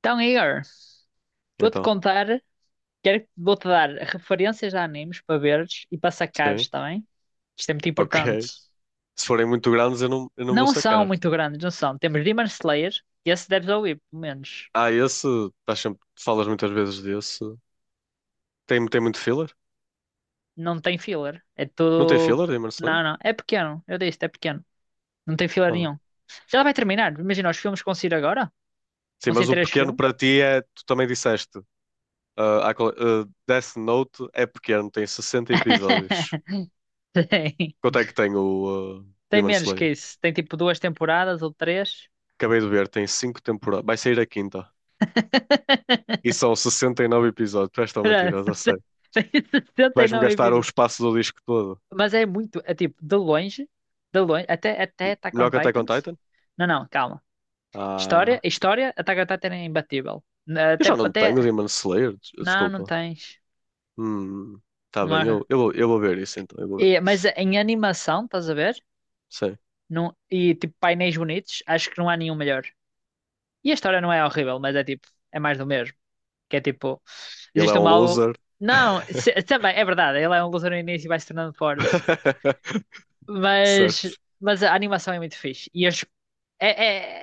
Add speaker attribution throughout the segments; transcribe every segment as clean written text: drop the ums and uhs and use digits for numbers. Speaker 1: Então, Igor, vou-te
Speaker 2: Então,
Speaker 1: contar, quero, vou-te dar referências de animes para veres e para sacares
Speaker 2: sim,
Speaker 1: também. Isto é muito
Speaker 2: ok.
Speaker 1: importante.
Speaker 2: Se forem muito grandes, eu não vou
Speaker 1: Não são
Speaker 2: sacar.
Speaker 1: muito grandes, não são. Temos Demon Slayer, e esse deves ouvir, pelo menos.
Speaker 2: Ah, esse, estás sempre, falas muitas vezes desse. Tem muito filler?
Speaker 1: Não tem filler. É
Speaker 2: Não tem
Speaker 1: tudo.
Speaker 2: filler em Marseille?
Speaker 1: Não, não. É pequeno. Eu disse, é pequeno. Não tem filler
Speaker 2: Ah.
Speaker 1: nenhum. Já vai terminar. Imagina, os filmes que vão sair agora?
Speaker 2: Sim,
Speaker 1: Vão sair
Speaker 2: mas o
Speaker 1: três
Speaker 2: pequeno
Speaker 1: filmes?
Speaker 2: para ti é, tu também disseste, ah, Death Note é pequeno, tem 60 episódios.
Speaker 1: Tem.
Speaker 2: Quanto é que tem o
Speaker 1: Tem
Speaker 2: Demon
Speaker 1: menos que
Speaker 2: Slayer?
Speaker 1: isso. Tem tipo duas temporadas ou três.
Speaker 2: Acabei de ver, tem 5 temporadas, vai sair a quinta. E são 69 episódios, tu és tão
Speaker 1: Espera,
Speaker 2: mentiroso, eu sei.
Speaker 1: tem
Speaker 2: Vais-me
Speaker 1: 69
Speaker 2: gastar o
Speaker 1: episódios.
Speaker 2: espaço do disco todo.
Speaker 1: Mas é muito, é tipo, de longe, até Attack on
Speaker 2: Melhor que Attack on
Speaker 1: Titans.
Speaker 2: Titan?
Speaker 1: Não, não, calma. História,
Speaker 2: Ah.
Speaker 1: história, Attack on Titan é imbatível.
Speaker 2: Eu já não tenho o
Speaker 1: Não, não
Speaker 2: Desculpa.
Speaker 1: tens.
Speaker 2: Hum, tá
Speaker 1: Não
Speaker 2: bem,
Speaker 1: há.
Speaker 2: eu vou ver isso então, eu vou ver
Speaker 1: Mas
Speaker 2: isso.
Speaker 1: em animação, estás a ver?
Speaker 2: Sim,
Speaker 1: Não, e tipo, painéis bonitos, acho que não há nenhum melhor. E a história não é horrível, mas é tipo, é mais do mesmo. Que é tipo,
Speaker 2: ele é
Speaker 1: existe um
Speaker 2: um
Speaker 1: mal.
Speaker 2: loser.
Speaker 1: Não, também, é verdade, ele é um lutador no início e vai se tornando forte. Mas,
Speaker 2: Certo.
Speaker 1: mas a animação é muito fixe. E as, é,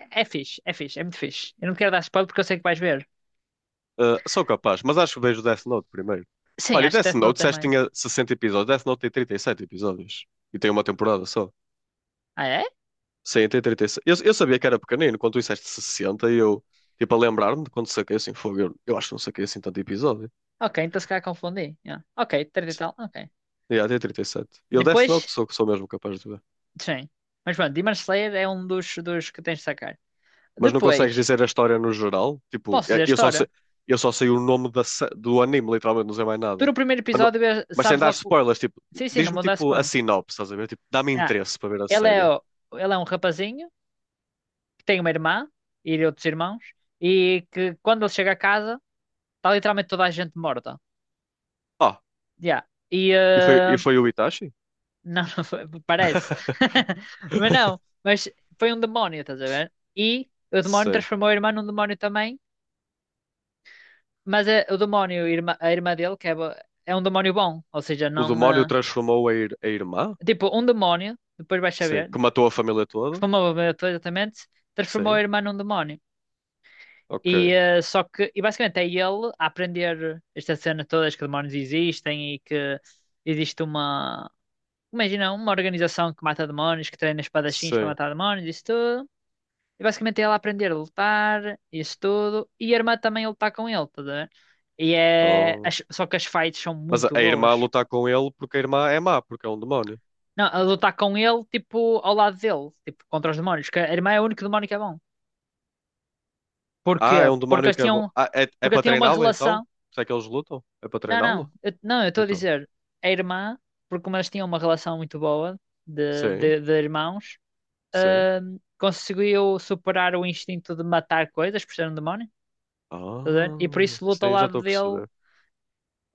Speaker 1: é, é fixe, é fixe, é muito fixe. Eu não quero dar spoiler porque eu sei que vais ver.
Speaker 2: Ah, sou capaz, mas acho que vejo Death Note primeiro.
Speaker 1: Sim,
Speaker 2: Olha, e
Speaker 1: acho que
Speaker 2: Death
Speaker 1: Death Note
Speaker 2: Note, disseste que
Speaker 1: também.
Speaker 2: tinha 60 episódios, Death Note tem 37 episódios. E tem uma temporada só.
Speaker 1: Ah, é?
Speaker 2: Sim, tem 37. Eu sabia que era pequenino, quando tu disseste 60, e eu, tipo, a lembrar-me de quando saquei assim, fogo, eu acho que não saquei assim tanto episódio.
Speaker 1: Ok, então se calhar confundi. Yeah. Ok, treta e tal, ok.
Speaker 2: E yeah, tem 37. E sete. E o Death
Speaker 1: Depois,
Speaker 2: Note sou mesmo capaz de ver.
Speaker 1: sim. Mas pronto, Demon Slayer é um dos que tens de sacar.
Speaker 2: Mas não consegues
Speaker 1: Depois,
Speaker 2: dizer a história no geral? Tipo,
Speaker 1: posso dizer
Speaker 2: eu
Speaker 1: a
Speaker 2: eu só sei,
Speaker 1: história?
Speaker 2: eu só sei o nome da do anime, literalmente, não sei mais
Speaker 1: Tu
Speaker 2: nada.
Speaker 1: no primeiro
Speaker 2: Mas, não-
Speaker 1: episódio
Speaker 2: mas sem
Speaker 1: sabes
Speaker 2: dar
Speaker 1: logo.
Speaker 2: spoilers, tipo,
Speaker 1: Sim, sim, não
Speaker 2: diz-me
Speaker 1: muda a
Speaker 2: tipo a
Speaker 1: spoiler.
Speaker 2: sinopse, estás a ver? Tipo, dá-me
Speaker 1: Ah,
Speaker 2: interesse para ver a
Speaker 1: ele é,
Speaker 2: série.
Speaker 1: o- ele é um rapazinho que tem uma irmã e outros irmãos e que quando ele chega a casa está literalmente toda a gente morta.
Speaker 2: Ah,
Speaker 1: Yeah. E
Speaker 2: e e foi o Itachi?
Speaker 1: não, não foi, parece. Mas não, mas foi um demónio, estás a ver? E o demónio
Speaker 2: Sim.
Speaker 1: transformou a irmã num demónio também, mas o demónio, a irmã dele, é um demónio bom, ou seja,
Speaker 2: O
Speaker 1: não.
Speaker 2: demónio transformou a, a irmã?
Speaker 1: Tipo, um demónio, depois vais
Speaker 2: Sim.
Speaker 1: saber,
Speaker 2: Que matou a família toda?
Speaker 1: transformou exatamente, transformou a
Speaker 2: Sim.
Speaker 1: irmã num demónio.
Speaker 2: Ok.
Speaker 1: E só que, e basicamente é ele a aprender esta cena todas que demónios existem e que existe uma. Imagina uma organização que mata demónios, que treina espadachins para
Speaker 2: Sim.
Speaker 1: matar demónios, isso tudo. E basicamente é ela aprender a lutar, isso tudo. E a irmã também a lutar com ele, tá a ver?
Speaker 2: Oh.
Speaker 1: Só que as fights são
Speaker 2: Mas
Speaker 1: muito
Speaker 2: a irmã
Speaker 1: boas.
Speaker 2: lutar com ele porque a irmã é má, porque é um demónio.
Speaker 1: Não, a lutar com ele, tipo, ao lado dele, tipo, contra os demónios. Que a irmã é o único demónio que é bom. Porquê?
Speaker 2: Ah, é um
Speaker 1: Porque
Speaker 2: demónio
Speaker 1: eles
Speaker 2: que é bom.
Speaker 1: tinham.
Speaker 2: Ah, é
Speaker 1: Porque
Speaker 2: para
Speaker 1: tinham uma
Speaker 2: treiná-lo então?
Speaker 1: relação.
Speaker 2: Será que eles lutam? É para
Speaker 1: Não,
Speaker 2: treiná-lo?
Speaker 1: não. Eu estou a
Speaker 2: Então.
Speaker 1: dizer a irmã, porque como eles tinham uma relação muito boa de,
Speaker 2: Sim,
Speaker 1: de, de irmãos.
Speaker 2: sim.
Speaker 1: Conseguiu superar o instinto de matar coisas por ser um demónio, estás a ver? E por
Speaker 2: Ah,
Speaker 1: isso luta ao
Speaker 2: sim, já
Speaker 1: lado
Speaker 2: estou a
Speaker 1: dele,
Speaker 2: perceber.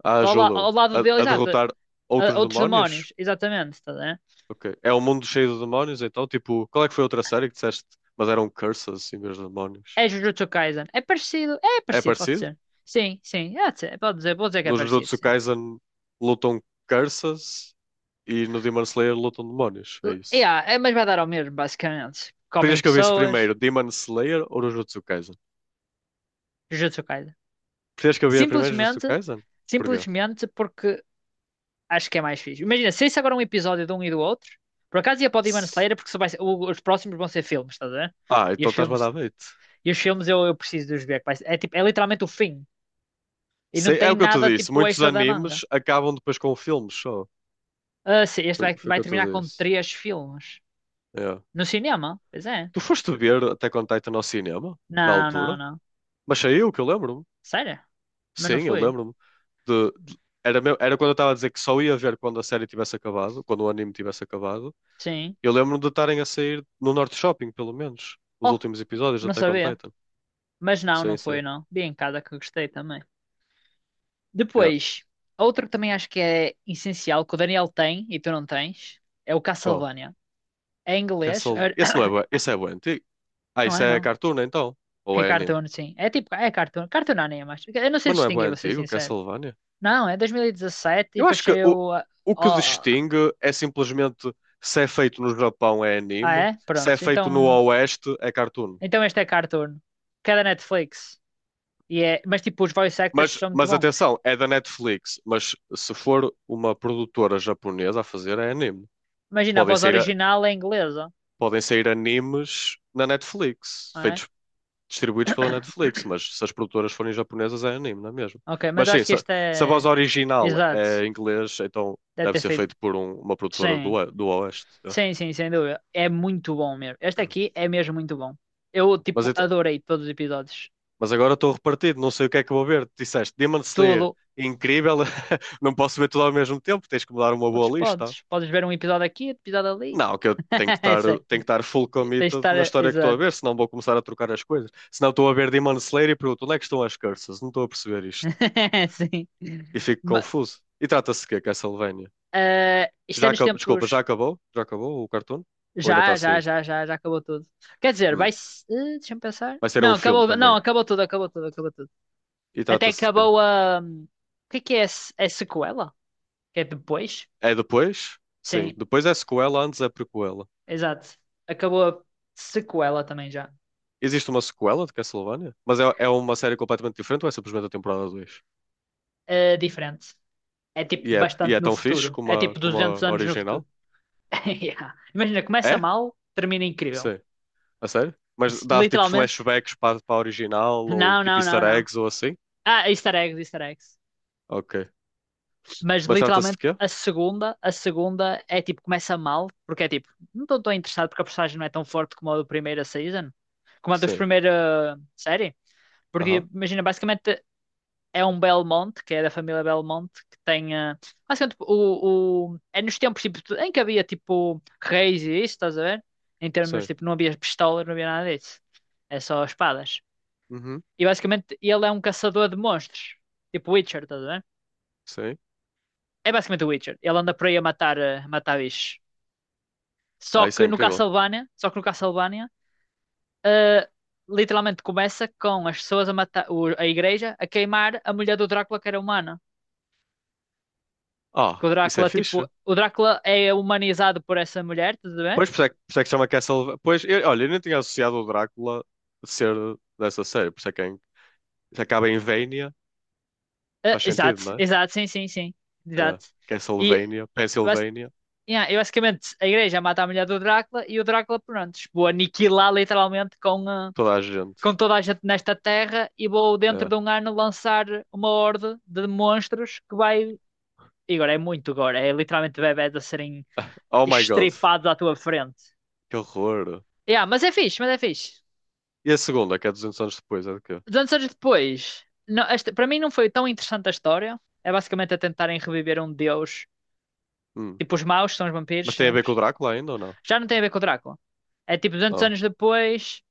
Speaker 2: Ah,
Speaker 1: ao
Speaker 2: ajuda-o
Speaker 1: lado dele,
Speaker 2: a
Speaker 1: exato,
Speaker 2: derrotar outros
Speaker 1: outros
Speaker 2: demónios?
Speaker 1: demónios, exatamente, estás a ver?
Speaker 2: Ok. É um mundo cheio de demónios então? Tipo, qual é que foi a outra série que disseste? Mas eram curses em vez de demónios.
Speaker 1: É Jujutsu Kaisen, é
Speaker 2: É
Speaker 1: parecido, pode
Speaker 2: parecido?
Speaker 1: ser. Sim, sim, é, de ser, pode dizer, vou dizer que é
Speaker 2: No
Speaker 1: parecido,
Speaker 2: Jujutsu
Speaker 1: sim.
Speaker 2: Kaisen lutam curses e no Demon Slayer lutam demónios. É isso.
Speaker 1: Yeah, é, mas vai dar ao mesmo, basicamente. Comem
Speaker 2: Preferias que eu visse
Speaker 1: pessoas,
Speaker 2: primeiro Demon Slayer ou Jujutsu Kaisen?
Speaker 1: Jujutsu Kaisen.
Speaker 2: Preferias que eu visse primeiro Jujutsu
Speaker 1: Simplesmente,
Speaker 2: Kaisen? Porquê?
Speaker 1: simplesmente porque acho que é mais fixe. Imagina, se isso agora é um episódio de um e do outro, por acaso ia para o Demon Slayer porque só vai ser- o- os próximos vão ser filmes, estás a ver?
Speaker 2: Ah,
Speaker 1: E
Speaker 2: então
Speaker 1: os
Speaker 2: estás-me a
Speaker 1: filmes,
Speaker 2: dar bait.
Speaker 1: e os filmes eu preciso de os ver. É, tipo, é literalmente o fim. E não
Speaker 2: Sei, é
Speaker 1: tem
Speaker 2: o que eu te
Speaker 1: nada
Speaker 2: disse.
Speaker 1: tipo
Speaker 2: Muitos
Speaker 1: extra da manga.
Speaker 2: animes acabam depois com filmes só.
Speaker 1: Ah, sim, este
Speaker 2: Foi,
Speaker 1: vai,
Speaker 2: foi o
Speaker 1: vai
Speaker 2: que eu te
Speaker 1: terminar com
Speaker 2: disse.
Speaker 1: três filmes.
Speaker 2: É.
Speaker 1: No cinema? Pois é.
Speaker 2: Tu foste ver Attack on Titan ao cinema, na
Speaker 1: Não,
Speaker 2: altura?
Speaker 1: não, não.
Speaker 2: Mas saiu, que eu lembro-me.
Speaker 1: Sério? Mas não
Speaker 2: Sim, eu
Speaker 1: foi?
Speaker 2: lembro-me. De, de- era, meu, era quando eu estava a dizer que só ia ver quando a série tivesse acabado, quando o anime tivesse acabado.
Speaker 1: Sim.
Speaker 2: Eu lembro-me de estarem a sair no Norte Shopping, pelo menos, os
Speaker 1: Oh,
Speaker 2: últimos episódios de
Speaker 1: não
Speaker 2: Attack on
Speaker 1: sabia.
Speaker 2: Titan.
Speaker 1: Mas não, não
Speaker 2: Sim,
Speaker 1: foi,
Speaker 2: sim.
Speaker 1: não. Vi em casa que gostei também.
Speaker 2: É.
Speaker 1: Depois, outro que também acho que é essencial, que o Daniel tem e tu não tens, é o
Speaker 2: Qual?
Speaker 1: Castlevania. É em inglês?
Speaker 2: Castle... Esse não é bué. Esse é bué antigo. Ah,
Speaker 1: Não
Speaker 2: isso
Speaker 1: é,
Speaker 2: é
Speaker 1: não.
Speaker 2: cartoon, então? Ou
Speaker 1: É
Speaker 2: é anime?
Speaker 1: cartoon, sim. É tipo, é cartoon. Cartoon anime, mas eu não sei
Speaker 2: Mas não é bem
Speaker 1: distinguir, vou ser
Speaker 2: antigo,
Speaker 1: sincero.
Speaker 2: Castlevania?
Speaker 1: Não, é 2017 e dezassete e
Speaker 2: Eu acho
Speaker 1: depois
Speaker 2: que
Speaker 1: saiu...
Speaker 2: o que
Speaker 1: ó-
Speaker 2: distingue é simplesmente se é feito no Japão é
Speaker 1: Ah,
Speaker 2: anime,
Speaker 1: é?
Speaker 2: se é
Speaker 1: Pronto.
Speaker 2: feito no
Speaker 1: Então,
Speaker 2: Oeste é cartoon.
Speaker 1: então este é cartoon. Que é da Netflix. E é... Mas tipo, os voice actors são muito
Speaker 2: Mas
Speaker 1: bons.
Speaker 2: atenção, é da Netflix, mas se for uma produtora japonesa a fazer é anime.
Speaker 1: Imagina, a
Speaker 2: Podem
Speaker 1: voz
Speaker 2: sair, a-
Speaker 1: original é inglesa,
Speaker 2: podem sair animes na Netflix,
Speaker 1: não é?
Speaker 2: feitos, distribuídos pela Netflix, mas se as produtoras forem japonesas é anime, não é mesmo?
Speaker 1: Ok, mas
Speaker 2: Mas
Speaker 1: eu
Speaker 2: sim,
Speaker 1: acho que
Speaker 2: se,
Speaker 1: este
Speaker 2: se a voz
Speaker 1: é...
Speaker 2: original
Speaker 1: Exato.
Speaker 2: é inglês, então
Speaker 1: Deve
Speaker 2: deve
Speaker 1: ter
Speaker 2: ser
Speaker 1: feito...
Speaker 2: feito por uma produtora do,
Speaker 1: Sim.
Speaker 2: Do Oeste. É.
Speaker 1: Sim, sim, sem dúvida. É muito bom mesmo. Este aqui é mesmo muito bom. Eu,
Speaker 2: Mas,
Speaker 1: tipo,
Speaker 2: então-
Speaker 1: adorei todos os episódios.
Speaker 2: mas agora estou repartido, não sei o que é que vou ver. Tu disseste Demon Slayer,
Speaker 1: Tudo.
Speaker 2: incrível, não posso ver tudo ao mesmo tempo, tens que me dar uma
Speaker 1: Podes,
Speaker 2: boa lista.
Speaker 1: podes. Podes ver um episódio aqui, outro episódio ali.
Speaker 2: Não, que eu tenho
Speaker 1: Sei.
Speaker 2: que estar full
Speaker 1: Tens de
Speaker 2: committed na
Speaker 1: estar.
Speaker 2: história que estou a
Speaker 1: Exato.
Speaker 2: ver, senão vou começar a trocar as coisas. Senão estou a ver Demon Slayer e pergunto onde é que estão as curses? Não estou a perceber isto.
Speaker 1: Sim.
Speaker 2: E fico
Speaker 1: Ma-
Speaker 2: confuso. E trata-se de quê, Castlevania?
Speaker 1: isto é nos
Speaker 2: Desculpa, já
Speaker 1: tempos.
Speaker 2: acabou? Já acabou o cartoon? Ou ainda está
Speaker 1: Já,
Speaker 2: a
Speaker 1: já,
Speaker 2: sair?
Speaker 1: já, já, já acabou tudo. Quer dizer, vai.
Speaker 2: Hum.
Speaker 1: Se eh, deixa-me pensar.
Speaker 2: Vai ser
Speaker 1: Não,
Speaker 2: um filme
Speaker 1: acabou. Não,
Speaker 2: também.
Speaker 1: acabou tudo, acabou tudo, acabou tudo.
Speaker 2: E
Speaker 1: Até
Speaker 2: trata-se de quê?
Speaker 1: acabou a. O que é que é? A se- a sequela? Que é depois?
Speaker 2: É depois? Sim,
Speaker 1: Sim.
Speaker 2: depois é sequela, antes é prequela.
Speaker 1: Exato. Acabou a sequela também já.
Speaker 2: Existe uma sequela de Castlevania? Mas é uma série completamente diferente ou é simplesmente a temporada 2?
Speaker 1: É diferente. É tipo
Speaker 2: E e
Speaker 1: bastante
Speaker 2: é
Speaker 1: no
Speaker 2: tão
Speaker 1: futuro.
Speaker 2: fixe como
Speaker 1: É
Speaker 2: a,
Speaker 1: tipo
Speaker 2: como
Speaker 1: 200
Speaker 2: a
Speaker 1: anos no
Speaker 2: original?
Speaker 1: futuro. Yeah. Imagina, começa
Speaker 2: É?
Speaker 1: mal, termina incrível.
Speaker 2: Sim. A sério? Mas dá tipo
Speaker 1: Literalmente.
Speaker 2: flashbacks para, para a original ou
Speaker 1: Não,
Speaker 2: tipo
Speaker 1: não, não,
Speaker 2: easter
Speaker 1: não.
Speaker 2: eggs ou assim?
Speaker 1: Ah, easter eggs, easter eggs.
Speaker 2: Ok.
Speaker 1: Mas
Speaker 2: Mas trata-se de
Speaker 1: literalmente
Speaker 2: quê?
Speaker 1: a segunda é tipo começa mal, porque é tipo, não estou tão interessado porque a personagem não é tão forte como a dos
Speaker 2: Sim.
Speaker 1: primeira série. Porque
Speaker 2: Aham.
Speaker 1: imagina, basicamente é um Belmonte, que é da família Belmonte, que tem. Basicamente, é nos tempos tipo, em que havia tipo reis e isso, estás a ver? Em termos
Speaker 2: Sim.
Speaker 1: tipo, não havia pistolas, não havia nada disso. É só espadas.
Speaker 2: Uhum.
Speaker 1: E basicamente, ele é um caçador de monstros, tipo Witcher, estás a ver?
Speaker 2: Sim.
Speaker 1: É basicamente o Witcher. Ele anda por aí a matar, a matar bichos.
Speaker 2: Ah, isso é incrível.
Speaker 1: Só que no Castlevania, eh, literalmente começa com as pessoas a matar, a igreja a queimar a mulher do Drácula que era humana. Que
Speaker 2: Ah,
Speaker 1: o
Speaker 2: isso é
Speaker 1: Drácula, tipo,
Speaker 2: fixe.
Speaker 1: o Drácula é humanizado por essa mulher, tudo bem?
Speaker 2: Pois, por isso é que chama Castlevania. Pois, eu- olha, eu nem tinha associado o Drácula a ser dessa série. Por isso é que é, se acaba em Vania,
Speaker 1: Ah,
Speaker 2: faz
Speaker 1: exato,
Speaker 2: sentido, não é?
Speaker 1: exato, sim, sim, sim.
Speaker 2: É.
Speaker 1: Exato. E,
Speaker 2: Castlevania,
Speaker 1: bas-
Speaker 2: Pennsylvania,
Speaker 1: yeah, e basicamente a igreja mata a mulher do Drácula e o Drácula, pronto, vou aniquilar literalmente com, ah,
Speaker 2: toda a
Speaker 1: com
Speaker 2: gente.
Speaker 1: toda a gente nesta terra e vou dentro de
Speaker 2: É.
Speaker 1: um ano lançar uma horde de monstros que vai. E agora é muito gore, é literalmente bebés a serem
Speaker 2: Oh my God,
Speaker 1: estripados à tua frente.
Speaker 2: que horror.
Speaker 1: Yeah, mas é fixe, mas é fixe.
Speaker 2: E a segunda, que é 200 anos depois, é de quê?
Speaker 1: 200 anos depois, não, esta, para mim não foi tão interessante a história. É basicamente a tentarem reviver um deus.
Speaker 2: Hum.
Speaker 1: Tipo, os maus que são os vampiros
Speaker 2: Mas tem a ver
Speaker 1: sempre.
Speaker 2: com o Drácula ainda ou não?
Speaker 1: Já não tem a ver com o Drácula. É tipo, 200
Speaker 2: Ah.
Speaker 1: anos depois,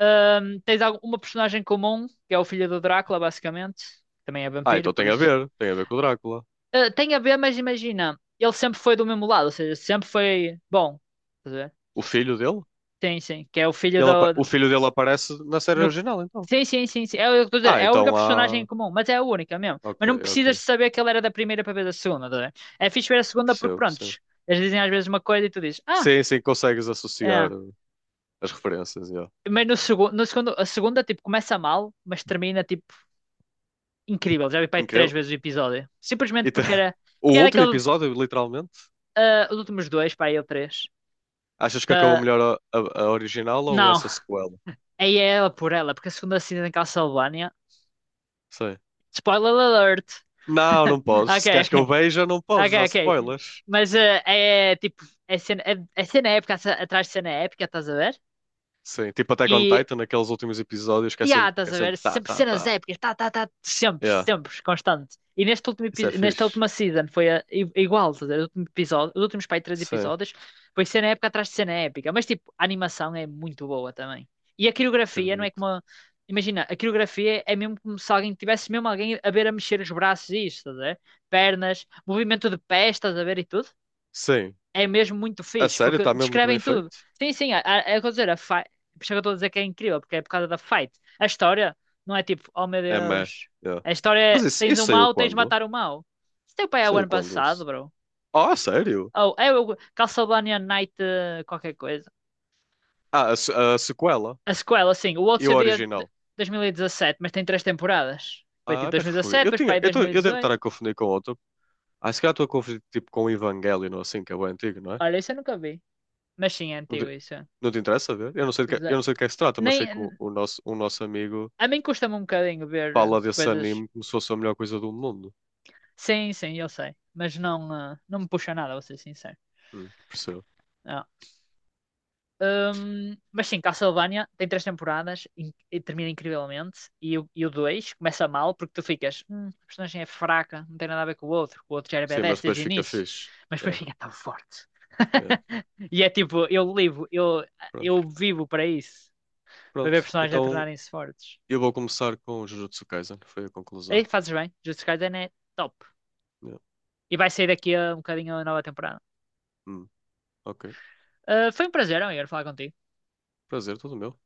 Speaker 1: uma personagem comum, que é o filho do Drácula, basicamente. Também é
Speaker 2: Ah,
Speaker 1: vampiro,
Speaker 2: então
Speaker 1: por isso.
Speaker 2: tem a ver com o Drácula.
Speaker 1: Ah, tem a ver, mas imagina, ele sempre foi do mesmo lado, ou seja, sempre foi bom. Estás a ver?
Speaker 2: O filho dele?
Speaker 1: Sim, sim. Que é o filho do,
Speaker 2: O filho dele aparece na série
Speaker 1: No...
Speaker 2: original, então.
Speaker 1: Sim, sim, sim, sim. É, o que eu estou a dizer,
Speaker 2: Ah,
Speaker 1: é a única
Speaker 2: então
Speaker 1: personagem em
Speaker 2: há.
Speaker 1: comum, mas é a única mesmo. Mas
Speaker 2: Ok,
Speaker 1: não precisas
Speaker 2: ok.
Speaker 1: de saber que ele era da primeira para ver da segunda, tá a ver? É fixe ver a segunda porque,
Speaker 2: Percebo, sim.
Speaker 1: prontos, eles dizem às vezes uma coisa e tu dizes, ah,
Speaker 2: Sim, sim, consegues
Speaker 1: é.
Speaker 2: associar as referências, yeah.
Speaker 1: Mas no segundo, no segundo, a segunda, tipo, começa mal, mas termina, tipo, incrível. Já vi, pai, três
Speaker 2: Incrível.
Speaker 1: vezes o episódio.
Speaker 2: E te- o
Speaker 1: Porque era
Speaker 2: último
Speaker 1: aquele,
Speaker 2: episódio, literalmente,
Speaker 1: ah, os últimos dois, pai, eu três.
Speaker 2: achas que acabou
Speaker 1: Da...
Speaker 2: melhor a original ou
Speaker 1: Não,
Speaker 2: essa sequela?
Speaker 1: aí é ela por ela, porque a segunda assina em Castlevania.
Speaker 2: Sim.
Speaker 1: Spoiler alert!
Speaker 2: Não, não podes.
Speaker 1: Ok,
Speaker 2: Se queres
Speaker 1: ok.
Speaker 2: que eu veja, não podes
Speaker 1: Ok,
Speaker 2: usar
Speaker 1: ok.
Speaker 2: spoilers.
Speaker 1: Mas é tipo, é cena, é cena épica atrás atrás de cena épica, estás a ver?
Speaker 2: Sim, tipo até on
Speaker 1: E,
Speaker 2: Titan, naqueles últimos episódios que
Speaker 1: e há,
Speaker 2: que
Speaker 1: estás
Speaker 2: é
Speaker 1: a ver?
Speaker 2: sempre tá,
Speaker 1: Sempre
Speaker 2: tá,
Speaker 1: cenas
Speaker 2: tá.
Speaker 1: épicas, tá, tá, tá, sempre,
Speaker 2: Yeah,
Speaker 1: sempre, constante. E
Speaker 2: isso é
Speaker 1: nesta
Speaker 2: fixe.
Speaker 1: última season foi igual, estás a ver? O último episódio, os últimos pai três
Speaker 2: Sim,
Speaker 1: episódios foi cena épica atrás de cena épica. Mas tipo, a animação é muito boa também. E a coreografia não é
Speaker 2: acredito.
Speaker 1: como. A- Imagina, a coreografia é mesmo como se alguém tivesse mesmo alguém a ver a mexer os braços e isto, estás a ver? Pernas, movimento de pés, estás a ver e tudo.
Speaker 2: Sim,
Speaker 1: É mesmo muito
Speaker 2: a
Speaker 1: fixe,
Speaker 2: sério,
Speaker 1: porque
Speaker 2: está mesmo muito bem
Speaker 1: descrevem tudo.
Speaker 2: feito.
Speaker 1: Sim, sim, é dizer, a fight, por isso é que eu estou a dizer que é incrível, porque é por causa da fight. A história não é tipo, oh meu
Speaker 2: É meh.
Speaker 1: Deus,
Speaker 2: Yeah.
Speaker 1: a história
Speaker 2: Mas
Speaker 1: é, tens
Speaker 2: isso
Speaker 1: um
Speaker 2: saiu
Speaker 1: mal, tens de
Speaker 2: quando?
Speaker 1: matar o mal. Isso teu pai é o
Speaker 2: Saiu
Speaker 1: ano
Speaker 2: quando
Speaker 1: passado,
Speaker 2: isso?
Speaker 1: bro.
Speaker 2: Oh, a sério?
Speaker 1: Ou é o Castlevania Night qualquer coisa.
Speaker 2: Ah, a, se- a sequela
Speaker 1: A sequela, sim, o outro
Speaker 2: e o
Speaker 1: seria de
Speaker 2: original.
Speaker 1: 2017 mas tem três temporadas. Foi tipo
Speaker 2: Ah, mas foi.
Speaker 1: 2017,
Speaker 2: Eu
Speaker 1: depois para
Speaker 2: tinha,
Speaker 1: aí
Speaker 2: eu,
Speaker 1: dois
Speaker 2: tô-
Speaker 1: mil e
Speaker 2: eu devo estar
Speaker 1: dezoito
Speaker 2: a confundir com outro. Ah, se calhar estou a confundir tipo com o Evangelion, ou assim, que é o antigo, não
Speaker 1: Olha, isso eu nunca vi. Mas sim, é
Speaker 2: é?
Speaker 1: antigo isso.
Speaker 2: Não te interessa ver?
Speaker 1: Ze-
Speaker 2: Eu não sei de que é que se trata, mas sei que
Speaker 1: Nem,
Speaker 2: o nosso, um nosso amigo
Speaker 1: a mim custa-me um bocadinho ver
Speaker 2: fala desse
Speaker 1: coisas.
Speaker 2: anime como se fosse a melhor coisa do mundo.
Speaker 1: Sim, sim, eu sei. Mas não, ah, não me puxa nada, vou ser sincero.
Speaker 2: Percebo.
Speaker 1: Não. Mas sim, Castlevania tem três temporadas e termina incrivelmente. E o 2 começa mal porque tu ficas, a personagem é fraca, não tem nada a ver com o outro. O outro já era
Speaker 2: Sim, mas
Speaker 1: badass
Speaker 2: depois
Speaker 1: desde o
Speaker 2: fica
Speaker 1: início,
Speaker 2: fixe.
Speaker 1: mas depois
Speaker 2: É,
Speaker 1: fica tão forte.
Speaker 2: é.
Speaker 1: E é tipo,
Speaker 2: Pronto.
Speaker 1: eu vivo para isso, para
Speaker 2: Pronto.
Speaker 1: ver personagens a
Speaker 2: Então
Speaker 1: tornarem-se fortes.
Speaker 2: eu vou começar com o Jujutsu Kaisen. Foi a conclusão.
Speaker 1: E fazes bem, Jujutsu Kaisen é top.
Speaker 2: É.
Speaker 1: E vai sair daqui a um bocadinho a nova temporada.
Speaker 2: Hum, ok.
Speaker 1: Ah, foi um prazer, amigo, falar contigo.
Speaker 2: Prazer, tudo meu.